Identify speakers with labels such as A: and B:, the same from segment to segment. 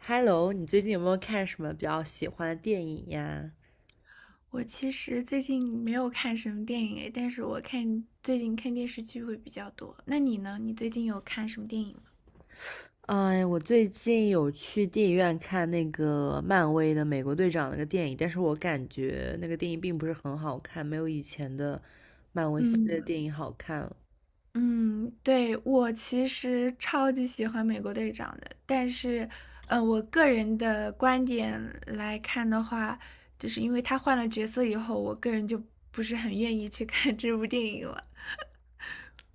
A: Hello，你最近有没有看什么比较喜欢的电影呀？
B: 我其实最近没有看什么电影诶，但是我看最近看电视剧会比较多。那你呢？你最近有看什么电影吗？
A: 哎，我最近有去电影院看那个漫威的美国队长那个电影，但是我感觉那个电影并不是很好看，没有以前的漫威系列
B: 嗯
A: 电影好看了。
B: 嗯，对，我其实超级喜欢美国队长的，但是，我个人的观点来看的话，就是因为他换了角色以后，我个人就不是很愿意去看这部电影了。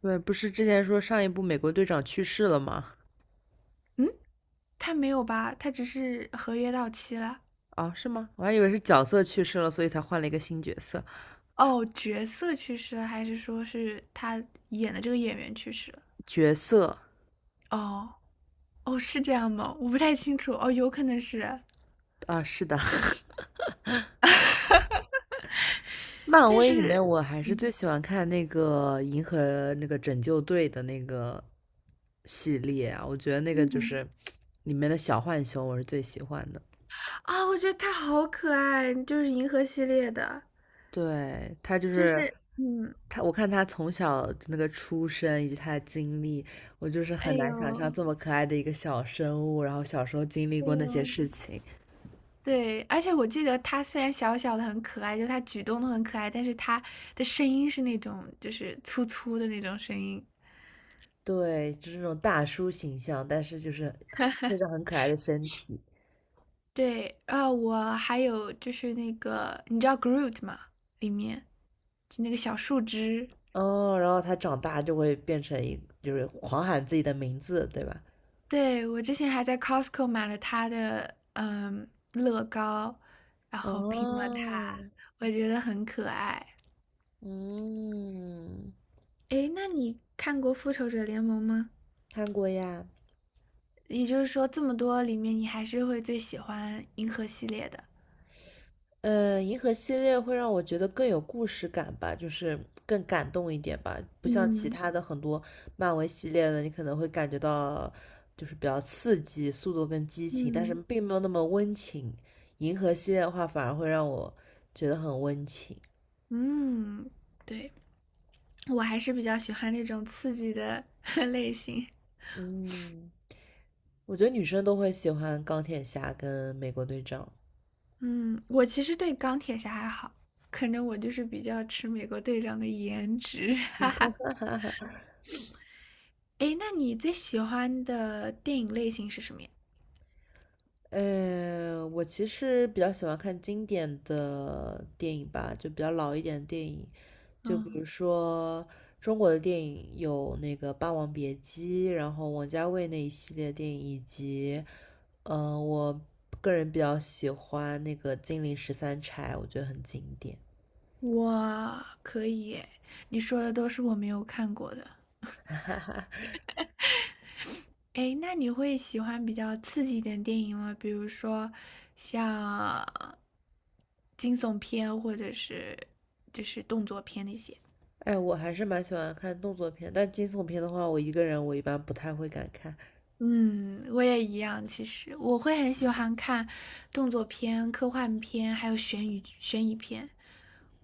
A: 对，不是之前说上一部美国队长去世了吗？
B: 嗯，他没有吧？他只是合约到期了。
A: 哦，是吗？我还以为是角色去世了，所以才换了一个新角色。
B: 哦，角色去世了，还是说是他演的这个演员去世了？
A: 角色
B: 哦哦，是这样吗？我不太清楚。哦，有可能是，
A: 啊，是的，漫
B: 但
A: 威里
B: 是
A: 面我还是最喜欢看那个银河那个拯救队的那个系列啊，我觉得那个就
B: 嗯，
A: 是里面的小浣熊，我是最喜欢的。
B: 啊，我觉得他好可爱，就是银河系列的，
A: 对，他就
B: 就
A: 是
B: 是嗯，
A: 他，我看他从小那个出生以及他的经历，我就是
B: 哎
A: 很难想象
B: 呦。
A: 这么可爱的一个小生物，然后小时候经历
B: 哎
A: 过那些
B: 呦，
A: 事情。
B: 对，而且我记得他虽然小小的很可爱，就他举动都很可爱，但是他的声音是那种就是粗粗的那种声音，
A: 对，就是那种大叔形象，但是就是配种很可爱的身体。
B: 对啊，我还有就是那个，你知道 Groot 吗？里面就那个小树枝，
A: 哦，然后他长大就会变成一，就是狂喊自己的名字，对吧？
B: 对我之前还在 Costco 买了它的乐高，然后拼了它，
A: 哦，
B: 我觉得很可爱。
A: 嗯，
B: 诶，那你看过《复仇者联盟》吗？
A: 看过呀。
B: 也就是说，这么多里面，你还是会最喜欢银河系列的。
A: 银河系列会让我觉得更有故事感吧，就是更感动一点吧，不像其
B: 嗯
A: 他的很多漫威系列的，你可能会感觉到就是比较刺激、速度跟激情，但是
B: 嗯
A: 并没有那么温情。银河系列的话，反而会让我觉得很温情。
B: 嗯，对，我还是比较喜欢那种刺激的 类型。
A: 嗯。我觉得女生都会喜欢钢铁侠跟美国队长。
B: 嗯，我其实对钢铁侠还好，可能我就是比较吃美国队长的颜值。诶，那你最喜欢的电影类型是什么呀？
A: 我其实比较喜欢看经典的电影吧，就比较老一点的电影，就比如
B: 嗯，
A: 说中国的电影有那个《霸王别姬》，然后王家卫那一系列电影，以及，我个人比较喜欢那个《金陵十三钗》，我觉得很经典。
B: 我可以耶，你说的都是我没有看过的。诶，那你会喜欢比较刺激一点电影吗？比如说像惊悚片，或者是就是动作片那些。
A: 哎，我还是蛮喜欢看动作片，但惊悚片的话，我一个人一般不太会敢看。
B: 嗯，我也一样。其实我会很喜欢看动作片、科幻片，还有悬疑片。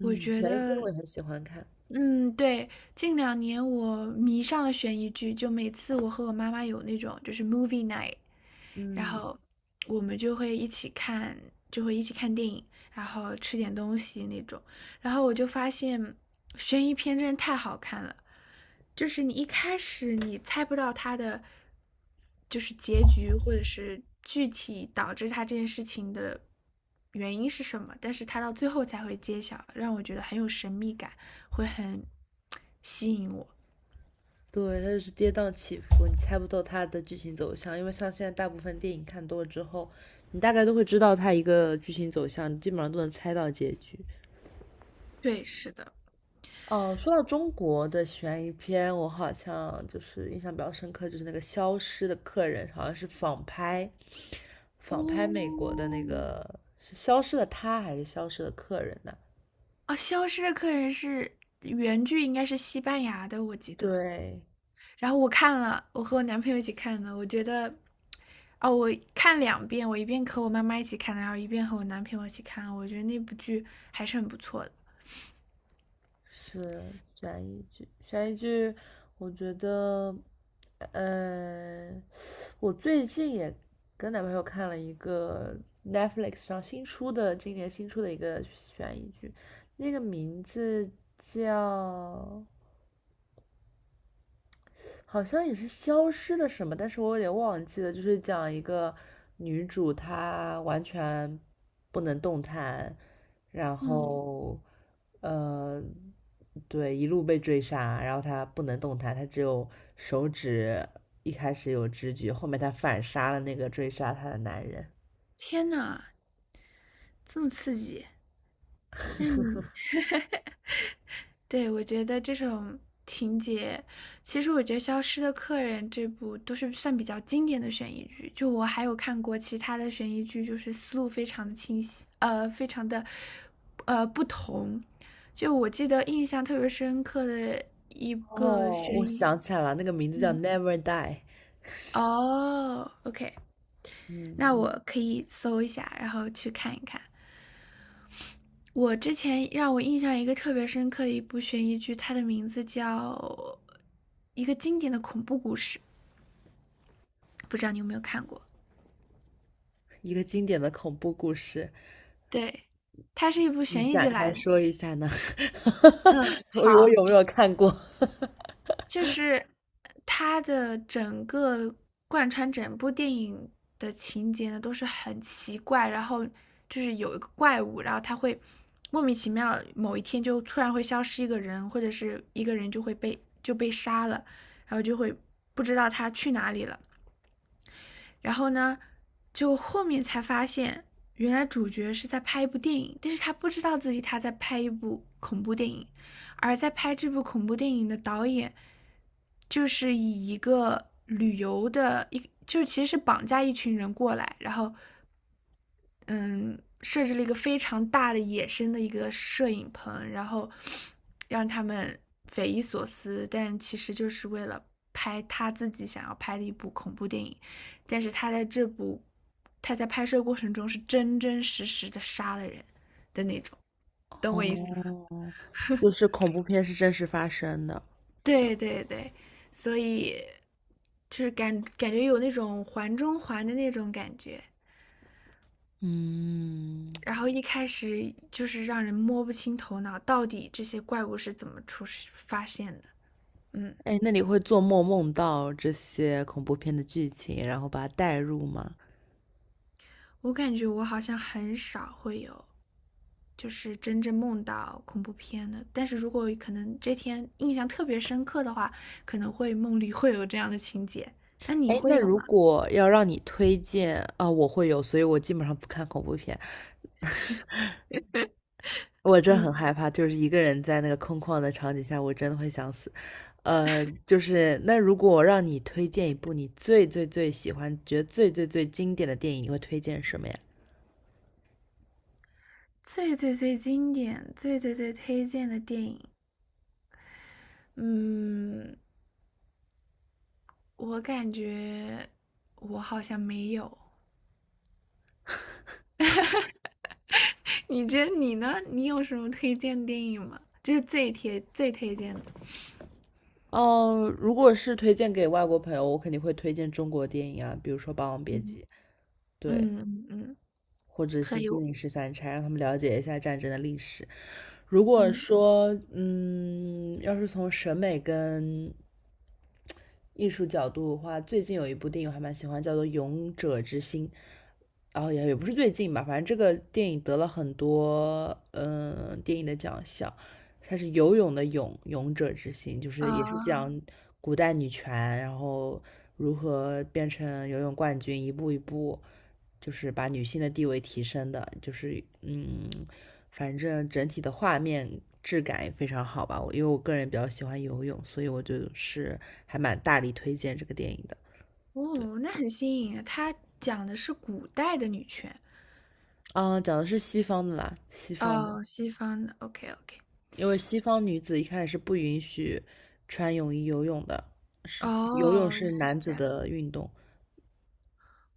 B: 我觉嗯
A: 悬疑片我
B: 得，
A: 也很喜欢看。
B: 嗯，对，近两年我迷上了悬疑剧，就每次我和我妈妈有那种就是 movie night,然
A: 嗯，
B: 后我们就会一起看，就会一起看电影，然后吃点东西那种。然后我就发现悬疑片真的太好看了，就是你一开始猜不到它的就是结局，或者是具体导致它这件事情的原因是什么，但是它到最后才会揭晓，让我觉得很有神秘感，会很吸引我。
A: 对，它就是跌宕起伏，你猜不透它的剧情走向，因为像现在大部分电影看多了之后，你大概都会知道它一个剧情走向，基本上都能猜到结局。
B: 对，是的。
A: 哦，说到中国的悬疑片，我好像就是印象比较深刻，就是那个《消失的客人》，好像是仿拍，仿拍美
B: 哦，
A: 国的那个是《消失的他》还是《消失的客人》呢？
B: 啊，《消失的客人》是原剧应该是西班牙的，我记得。
A: 对，
B: 然后我看了，我和我男朋友一起看的，我觉得，哦，我看两遍，我一遍和我妈妈一起看的，然后一遍和我男朋友一起看，我觉得那部剧还是很不错的。
A: 是悬疑剧，悬疑剧，我觉得，嗯，我最近也跟男朋友看了一个 Netflix 上新出的，今年新出的一个悬疑剧，那个名字叫好像也是消失了什么，但是我有点忘记了，就是讲一个女主她完全不能动弹，然
B: 嗯，
A: 后呃，对，一路被追杀，然后她不能动弹，她只有手指一开始有知觉，后面她反杀了那个追杀她的男人。
B: 天呐，这么刺激！那你对我觉得这种情节，其实我觉得《消失的客人》这部都是算比较经典的悬疑剧。就我还有看过其他的悬疑剧，就是思路非常的清晰，非常的不同。就我记得印象特别深刻的个
A: 哦，
B: 悬
A: 我
B: 疑，
A: 想起来了，那个名字叫
B: 嗯，
A: 《Never Die》，
B: 哦，OK,那
A: 嗯，
B: 我可以搜一下，然后去看一看。我之前让我印象一个特别深刻的一部悬疑剧，它的名字叫一个经典的恐怖故事，不知道你有没有看过？
A: 一个经典的恐怖故事。
B: 对，它是一部
A: 你
B: 悬疑
A: 展
B: 剧
A: 开
B: 来的。
A: 说一下呢？我
B: 好。
A: 有没有看过？
B: 就是它的整个贯穿整部电影的情节呢，都是很奇怪，然后就是有一个怪物，然后它会莫名其妙某一天就突然会消失一个人，或者是一个人就会被就被杀了，然后就会不知道他去哪里了。然后呢，就后面才发现，原来主角是在拍一部电影，但是他不知道自己他在拍一部恐怖电影，而在拍这部恐怖电影的导演，就是以一个旅游的一，就是其实是绑架一群人过来，然后嗯，设置了一个非常大的野生的一个摄影棚，然后让他们匪夷所思，但其实就是为了拍他自己想要拍的一部恐怖电影。但是他在拍摄过程中是真真实实的杀了人的那种，懂我意思吗？
A: 哦，就是恐怖片是真实发生的。
B: 对对对，所以就是感觉有那种环中环的那种感觉。
A: 嗯，
B: 然后一开始就是让人摸不清头脑，到底这些怪物是怎么出发现的？嗯，
A: 哎，那你会做梦梦到这些恐怖片的剧情，然后把它带入吗？
B: 我感觉我好像很少会有，就是真正梦到恐怖片的。但是如果可能这天印象特别深刻的话，可能会梦里会有这样的情节。那你
A: 哎，
B: 会
A: 那
B: 有
A: 如
B: 吗？
A: 果要让你推荐啊，我会有，所以我基本上不看恐怖片。我真很
B: 嗯，
A: 害怕，就是一个人在那个空旷的场景下，我真的会想死。就是那如果我让你推荐一部你最最最喜欢、觉得最最最经典的电影，你会推荐什么呀？
B: 最最最经典、最最最推荐的电影，嗯，我感觉我好像没有。你呢?你有什么推荐电影吗？就是最贴最推荐的。
A: 哦，如果是推荐给外国朋友，我肯定会推荐中国电影啊，比如说《霸王别
B: 嗯
A: 姬》，对，
B: 嗯。
A: 或者
B: 可
A: 是
B: 以。
A: 《金陵十三钗》，让他们了解一下战争的历史。如果
B: 嗯
A: 说，嗯，要是从审美跟艺术角度的话，最近有一部电影我还蛮喜欢，叫做《勇者之心》，然后也不是最近吧，反正这个电影得了很多嗯、电影的奖项。它是游泳的泳，勇者之心，就是也是
B: 啊、
A: 讲古代女权，然后如何变成游泳冠军，一步一步，就是把女性的地位提升的，就是嗯，反正整体的画面质感也非常好吧。因为我个人比较喜欢游泳，所以我就是还蛮大力推荐这个电影的。对，
B: 哦，那很新颖啊！它讲的是古代的女权，
A: 嗯，讲的是西方的啦，西方的，
B: 哦，西方的。OK OK。
A: 因为西方女子一开始是不允许穿泳衣游泳的，是游泳
B: 哦，
A: 是
B: 原来是
A: 男子
B: 这样。
A: 的运动，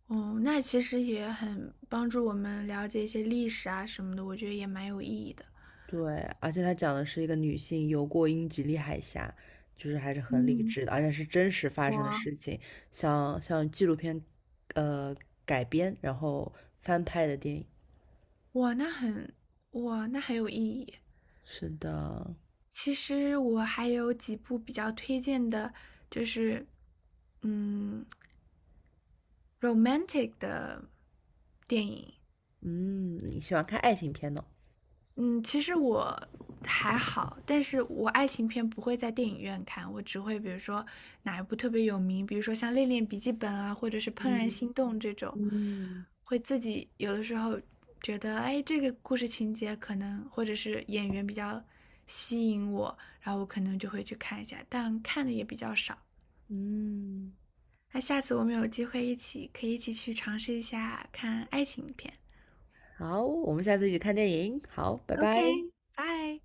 B: 哦，那其实也很帮助我们了解一些历史啊什么的，我觉得也蛮有意义的。
A: 对，而且他讲的是一个女性游过英吉利海峡，就是还是很理
B: 嗯，
A: 智的，而且是真实发
B: 我
A: 生的事情，像纪录片，呃，改编然后翻拍的电影。
B: 哇，那很哇，那很有意义。
A: 是的，
B: 其实我还有几部比较推荐的，就是嗯，romantic 的电影。
A: 嗯，你喜欢看爱情片呢？
B: 嗯，其实我还好，但是我爱情片不会在电影院看，我只会比如说哪一部特别有名，比如说像《恋恋笔记本》啊，或者是《怦然
A: 嗯
B: 心动》这种，
A: 嗯
B: 会自己有的时候觉得，哎，这个故事情节可能或者是演员比较吸引我，然后我可能就会去看一下，但看的也比较少。
A: 嗯，
B: 那下次我们有机会一起，可以一起去尝试一下看爱情片。
A: 好，我们下次一起看电影。好，拜
B: OK,
A: 拜。
B: 拜。